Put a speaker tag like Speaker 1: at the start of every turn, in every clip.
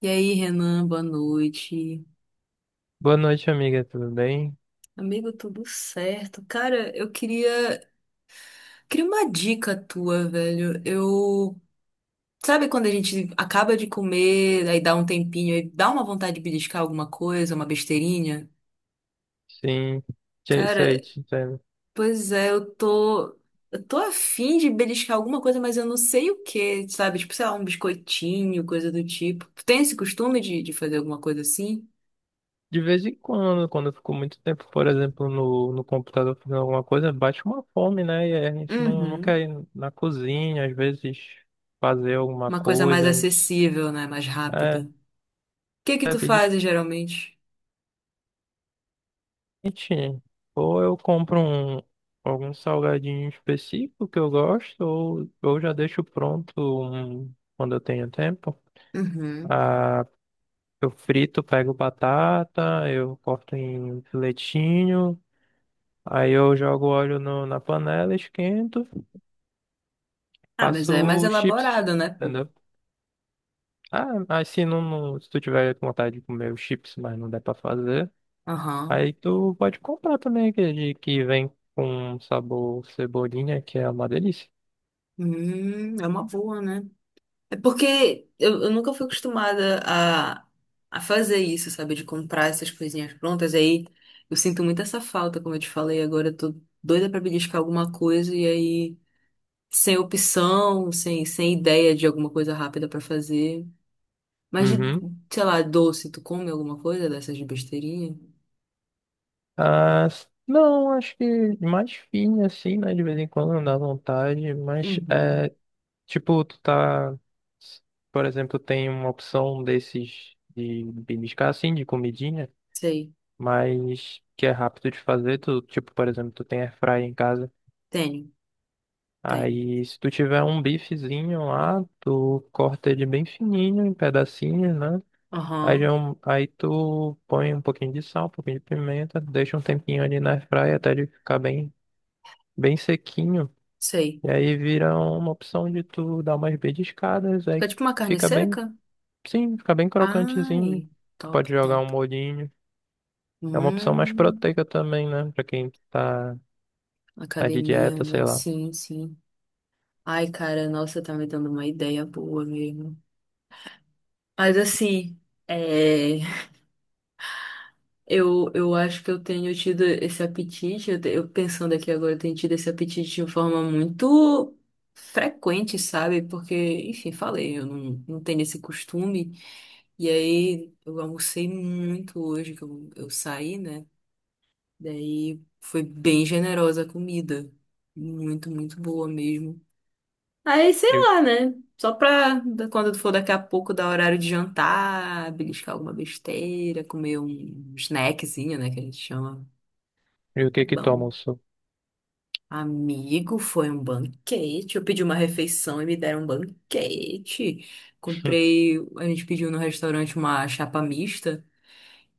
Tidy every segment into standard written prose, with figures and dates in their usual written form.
Speaker 1: E aí, Renan, boa noite.
Speaker 2: Boa noite, amiga. Tudo bem?
Speaker 1: Amigo, tudo certo? Cara, queria uma dica tua, velho. Eu, sabe quando a gente acaba de comer, aí dá um tempinho, aí dá uma vontade de beliscar alguma coisa, uma besteirinha?
Speaker 2: Sim, sei,
Speaker 1: Cara,
Speaker 2: sei, te entendo.
Speaker 1: pois é, eu tô afim de beliscar alguma coisa, mas eu não sei o que, sabe? Tipo, sei lá, um biscoitinho, coisa do tipo. Tu tem esse costume de fazer alguma coisa assim?
Speaker 2: De vez em quando, quando eu fico muito tempo, por exemplo, no computador fazendo alguma coisa, bate uma fome, né? E aí a gente não
Speaker 1: Uhum.
Speaker 2: quer ir na cozinha, às vezes fazer alguma
Speaker 1: Uma coisa mais
Speaker 2: coisa, a gente
Speaker 1: acessível, né? Mais
Speaker 2: é,
Speaker 1: rápida. Que
Speaker 2: é
Speaker 1: tu
Speaker 2: pedir
Speaker 1: fazes geralmente?
Speaker 2: quentinho. Ou eu compro um, algum salgadinho específico que eu gosto, ou eu já deixo pronto um, quando eu tenho tempo.
Speaker 1: Uhum.
Speaker 2: Eu frito, pego batata, eu corto em filetinho, aí eu jogo óleo na panela, esquento,
Speaker 1: Ah, mas é mais
Speaker 2: faço chips,
Speaker 1: elaborado, né, pô?
Speaker 2: entendeu? Ah, mas se se tu tiver com vontade de comer os chips, mas não der pra fazer,
Speaker 1: Aham.
Speaker 2: aí tu pode comprar também aquele que vem com sabor cebolinha, que é uma delícia.
Speaker 1: É uma boa, né? É porque eu nunca fui acostumada a fazer isso, sabe? De comprar essas coisinhas prontas. Aí eu sinto muito essa falta, como eu te falei. Agora eu tô doida pra beliscar alguma coisa e aí sem opção, sem ideia de alguma coisa rápida pra fazer. Mas de,
Speaker 2: Uhum.
Speaker 1: sei lá, doce, tu come alguma coisa dessas de besteirinha?
Speaker 2: Ah, não, acho que mais fino assim, né? De vez em quando não dá vontade, mas
Speaker 1: Uhum.
Speaker 2: é. Tipo, tu tá, por exemplo, tem uma opção desses de beliscar assim, de comidinha,
Speaker 1: Sei.
Speaker 2: mas que é rápido de fazer. Tu, tipo, por exemplo, tu tem airfryer em casa.
Speaker 1: Tenho, tenho.
Speaker 2: Aí, se tu tiver um bifezinho lá, tu corta ele bem fininho, em pedacinhos, né? Aí,
Speaker 1: Aham,
Speaker 2: aí tu põe um pouquinho de sal, um pouquinho de pimenta, deixa um tempinho ali na airfryer até ele ficar bem, bem sequinho.
Speaker 1: sei.
Speaker 2: E aí vira uma opção de tu dar umas beliscadas,
Speaker 1: Fica
Speaker 2: aí
Speaker 1: tipo uma carne
Speaker 2: fica bem.
Speaker 1: seca?
Speaker 2: Sim, fica bem
Speaker 1: Ai,
Speaker 2: crocantezinho.
Speaker 1: top,
Speaker 2: Pode jogar um
Speaker 1: top.
Speaker 2: molhinho. É uma opção mais
Speaker 1: Hum,
Speaker 2: proteica também, né? Pra quem tá, tá de
Speaker 1: academia,
Speaker 2: dieta, sei
Speaker 1: né?
Speaker 2: lá.
Speaker 1: Sim, sim. Ai, cara, nossa, tá me dando uma ideia boa mesmo. Mas assim, é, eu acho que eu tenho tido esse apetite, eu pensando aqui agora, eu tenho tido esse apetite de forma muito frequente, sabe? Porque, enfim, falei, eu não, não tenho esse costume. E aí, eu almocei muito hoje, que eu saí, né? Daí foi bem generosa a comida. Muito, muito boa mesmo. Aí, sei
Speaker 2: E,
Speaker 1: lá, né? Só pra da- quando for daqui a pouco dar horário de jantar, beliscar alguma besteira, comer um snackzinho, né? Que a gente chama.
Speaker 2: o
Speaker 1: É
Speaker 2: que que toma
Speaker 1: bom.
Speaker 2: o seu?
Speaker 1: Amigo, foi um banquete. Eu pedi uma refeição e me deram um banquete. Comprei, a gente pediu no restaurante uma chapa mista.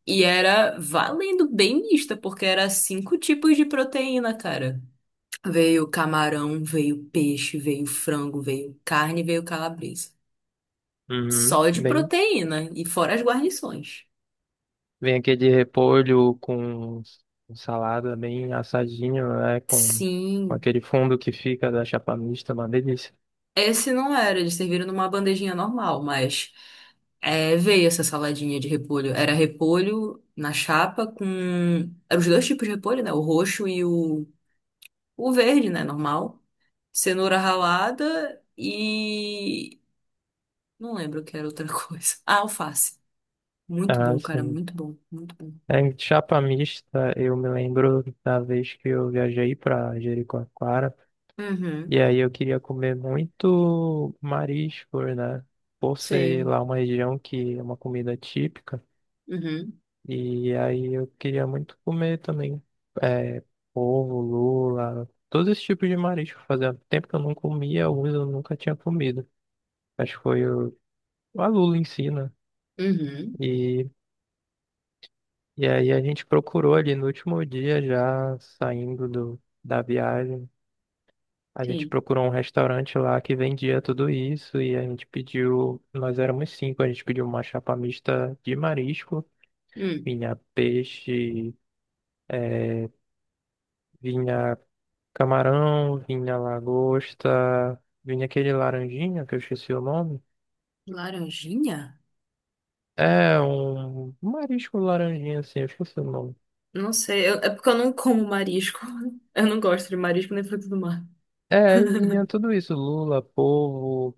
Speaker 1: E era valendo bem mista, porque era cinco tipos de proteína, cara. Veio camarão, veio peixe, veio frango, veio carne, veio calabresa.
Speaker 2: Uhum.
Speaker 1: Só de
Speaker 2: Bem,
Speaker 1: proteína e fora as guarnições.
Speaker 2: vem aqui de repolho com salada bem assadinho, né? Com
Speaker 1: Sim.
Speaker 2: aquele fundo que fica da chapa mista, uma delícia.
Speaker 1: Esse não era, eles serviram numa bandejinha normal, mas é, veio essa saladinha de repolho. Era repolho na chapa com. Eram os dois tipos de repolho, né? O roxo e o verde, né? Normal. Cenoura ralada e. Não lembro o que era outra coisa. Ah, alface. Muito
Speaker 2: Ah,
Speaker 1: bom, cara,
Speaker 2: sim.
Speaker 1: muito bom, muito bom.
Speaker 2: É, em chapa mista, eu me lembro da vez que eu viajei pra Jericoacoara.
Speaker 1: Uhum.
Speaker 2: E aí eu queria comer muito marisco, né? Por ser
Speaker 1: Sei.
Speaker 2: lá uma região que é uma comida típica.
Speaker 1: Uhum.
Speaker 2: E aí eu queria muito comer também é, polvo, lula, todos esses tipos de marisco. Fazia tempo que eu não comia, alguns eu nunca tinha comido. Acho que foi o, a lula em si, né?
Speaker 1: Uhum.
Speaker 2: E, e aí a gente procurou ali no último dia já saindo do, da viagem. A gente
Speaker 1: Sim.
Speaker 2: procurou um restaurante lá que vendia tudo isso e a gente pediu, nós éramos cinco, a gente pediu uma chapa mista de marisco,
Speaker 1: Hum.
Speaker 2: vinha peixe, eh, vinha camarão, vinha lagosta, vinha aquele laranjinha que eu esqueci o nome.
Speaker 1: Laranjinha?
Speaker 2: É, um marisco laranjinha assim, eu esqueci o nome.
Speaker 1: Não sei, eu- é porque eu não como marisco. Eu não gosto de marisco nem fruto do mar.
Speaker 2: É, vinha tudo isso, lula, polvo.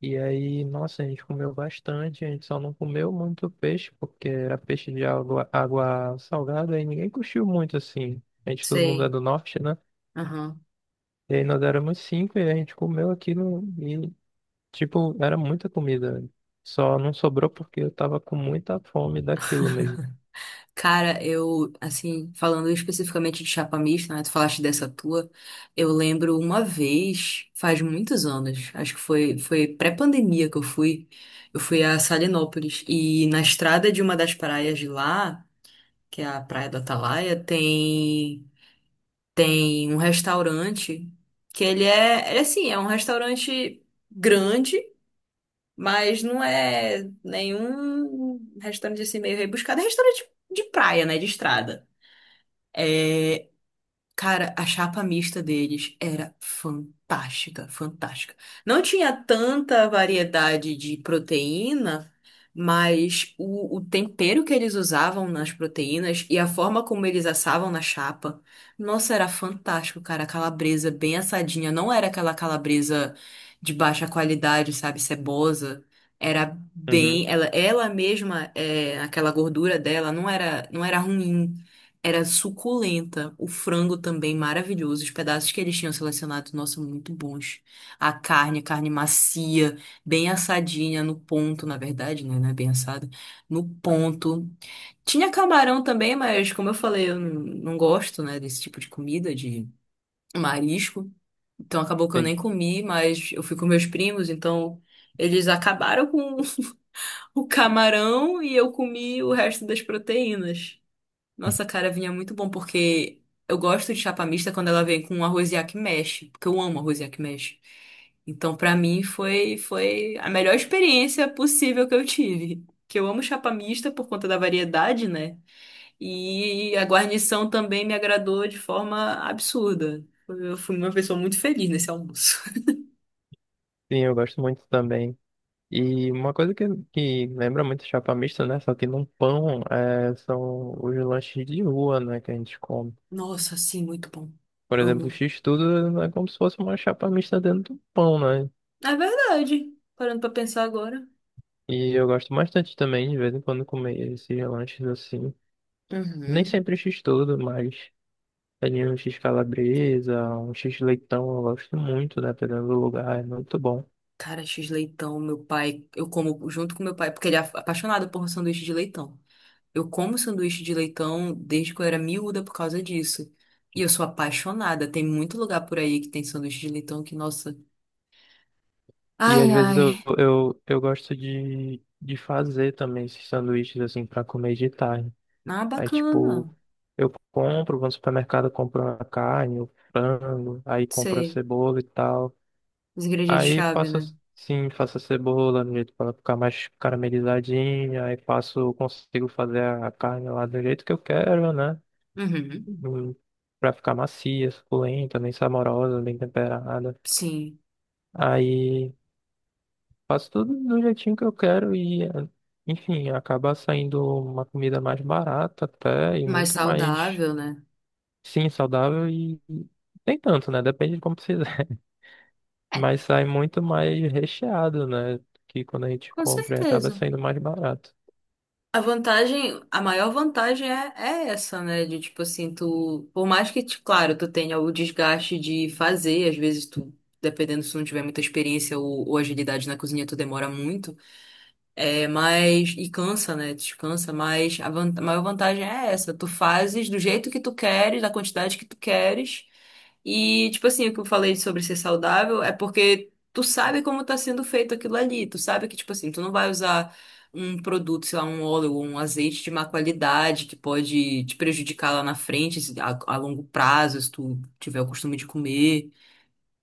Speaker 2: E aí, nossa, a gente comeu bastante, a gente só não comeu muito peixe, porque era peixe de água, água salgada e ninguém curtiu muito assim. A gente, todo mundo é
Speaker 1: Sei.
Speaker 2: do norte, né?
Speaker 1: Aham.
Speaker 2: E aí nós éramos cinco e a gente comeu aquilo e, tipo, era muita comida. Só não sobrou porque eu tava com muita fome daquilo mesmo.
Speaker 1: Cara, eu, assim, falando especificamente de chapa mista, né? Tu falaste dessa tua. Eu lembro uma vez, faz muitos anos, acho que foi pré-pandemia que eu fui. Eu fui a Salinópolis. E na estrada de uma das praias de lá, que é a Praia do Atalaia, tem. Tem um restaurante que ele, assim, é um restaurante grande, mas não é nenhum restaurante assim meio rebuscado. É restaurante de praia, né? De estrada. É, cara, a chapa mista deles era fantástica, fantástica. Não tinha tanta variedade de proteína, mas o tempero que eles usavam nas proteínas e a forma como eles assavam na chapa, nossa, era fantástico, cara. A calabresa bem assadinha, não era aquela calabresa de baixa qualidade, sabe, cebosa. Era
Speaker 2: Uhum,
Speaker 1: bem, ela mesma, é, aquela gordura dela não era ruim. Era suculenta. O frango também maravilhoso. Os pedaços que eles tinham selecionado, nossa, muito bons. A carne, carne macia, bem assadinha no ponto, na verdade, né? Não é bem assada. No ponto. Tinha camarão também, mas como eu falei, eu não gosto, né, desse tipo de comida, de marisco. Então acabou que eu nem
Speaker 2: sim.
Speaker 1: comi, mas eu fui com meus primos, então eles acabaram com o camarão e eu comi o resto das proteínas. Nossa, cara, vinha muito bom, porque eu gosto de chapa mista quando ela vem com arroz que mexe, porque eu amo arroz que mexe. Então, pra mim, foi a melhor experiência possível que eu tive. Que eu amo chapa mista por conta da variedade, né? E a guarnição também me agradou de forma absurda. Eu fui uma pessoa muito feliz nesse almoço.
Speaker 2: Sim, eu gosto muito também. E uma coisa que lembra muito chapa mista, né? Só que num pão, é, são os lanches de rua, né? Que a gente come.
Speaker 1: Nossa, sim, muito bom.
Speaker 2: Por exemplo, o
Speaker 1: Amo.
Speaker 2: X-tudo é como se fosse uma chapa mista dentro do pão, né?
Speaker 1: É verdade. Parando pra pensar agora.
Speaker 2: E eu gosto bastante também, de vez em quando, comer esses lanches assim. Nem
Speaker 1: Uhum.
Speaker 2: sempre X-tudo, mas ali um X-calabresa, um X-leitão, eu gosto muito, né? Dependendo do lugar, é muito bom.
Speaker 1: Cara, X leitão, meu pai, eu como junto com meu pai, porque ele é af- apaixonado por sanduíche de leitão. Eu como sanduíche de leitão desde que eu era miúda por causa disso. E eu sou apaixonada. Tem muito lugar por aí que tem sanduíche de leitão que, nossa.
Speaker 2: E às
Speaker 1: Ai,
Speaker 2: vezes eu,
Speaker 1: ai.
Speaker 2: eu, eu gosto de fazer também esses sanduíches assim para comer de tarde.
Speaker 1: Ah,
Speaker 2: Aí, tipo,
Speaker 1: bacana.
Speaker 2: eu compro, vou no supermercado, compro a carne, o frango, aí compro a
Speaker 1: Sei.
Speaker 2: cebola e tal.
Speaker 1: Os
Speaker 2: Aí
Speaker 1: ingredientes-chave, né?
Speaker 2: sim, faço a cebola no jeito para ficar mais caramelizadinha, aí faço, consigo fazer a carne lá do jeito que eu quero, né?
Speaker 1: Uhum.
Speaker 2: Hum, pra ficar macia, suculenta, bem saborosa, bem temperada.
Speaker 1: Sim.
Speaker 2: Aí faço tudo do jeitinho que eu quero e, enfim, acaba saindo uma comida mais barata até e
Speaker 1: Mais
Speaker 2: muito mais,
Speaker 1: saudável, né?
Speaker 2: sim, saudável e nem tanto, né? Depende de como você.
Speaker 1: É,
Speaker 2: Mas sai muito mais recheado, né? Que quando a gente
Speaker 1: com
Speaker 2: compra e acaba
Speaker 1: certeza.
Speaker 2: saindo mais barato.
Speaker 1: A vantagem, a maior vantagem é essa, né? De tipo assim, tu, por mais que, te- claro, tu tenha o desgaste de fazer, às vezes tu, dependendo se tu não tiver muita experiência ou agilidade na cozinha, tu demora muito, é, mas, e cansa, né? Descansa, mas a, van- a maior vantagem é essa, tu fazes do jeito que tu queres, da quantidade que tu queres, e, tipo assim, o que eu falei sobre ser saudável é porque tu sabe como tá sendo feito aquilo ali. Tu sabe que, tipo assim, tu não vai usar um produto, sei lá, um óleo ou um azeite de má qualidade que pode te prejudicar lá na frente, se- a longo prazo, se tu tiver o costume de comer,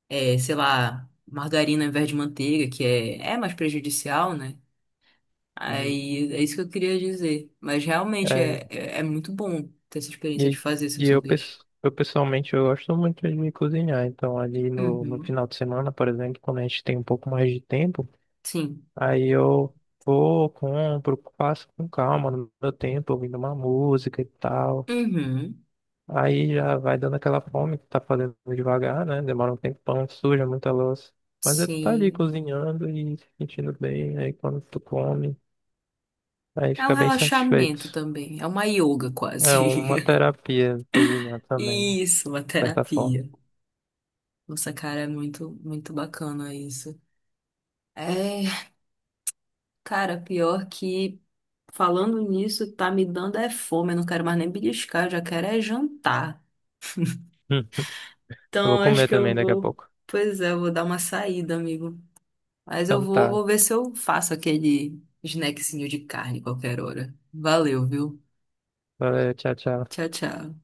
Speaker 1: é, sei lá, margarina ao invés de manteiga, que é mais prejudicial, né?
Speaker 2: Uhum.
Speaker 1: Aí é isso que eu queria dizer. Mas realmente
Speaker 2: É,
Speaker 1: é muito bom ter essa experiência
Speaker 2: e,
Speaker 1: de fazer seu
Speaker 2: e
Speaker 1: sanduíche.
Speaker 2: eu pessoalmente eu gosto muito de cozinhar, então ali no
Speaker 1: Uhum.
Speaker 2: final de semana, por exemplo, quando a gente tem um pouco mais de tempo,
Speaker 1: Sim.
Speaker 2: aí eu vou, compro, faço com calma no meu tempo, ouvindo uma música e tal.
Speaker 1: Uhum.
Speaker 2: Aí já vai dando aquela fome que tá fazendo devagar, né? Demora um tempão, suja muita louça. Mas aí tu tá ali
Speaker 1: Sim.
Speaker 2: cozinhando e se sentindo bem, aí quando tu come. Aí
Speaker 1: É um
Speaker 2: fica bem
Speaker 1: relaxamento
Speaker 2: satisfeito.
Speaker 1: também. É uma yoga
Speaker 2: É
Speaker 1: quase.
Speaker 2: uma terapia cozinhar também, de
Speaker 1: Isso, uma
Speaker 2: certa forma.
Speaker 1: terapia. Nossa, cara, é muito, muito bacana isso. É, cara, pior que falando nisso, tá me dando é fome. Eu não quero mais nem beliscar, eu já quero é jantar.
Speaker 2: Hum, eu vou
Speaker 1: Então, acho
Speaker 2: comer
Speaker 1: que eu
Speaker 2: também daqui a
Speaker 1: vou.
Speaker 2: pouco.
Speaker 1: Pois é, eu vou dar uma saída, amigo. Mas eu
Speaker 2: Então
Speaker 1: vou,
Speaker 2: tá.
Speaker 1: vou ver se eu faço aquele snackzinho de carne qualquer hora. Valeu, viu?
Speaker 2: Valeu, tchau, tchau.
Speaker 1: Tchau, tchau.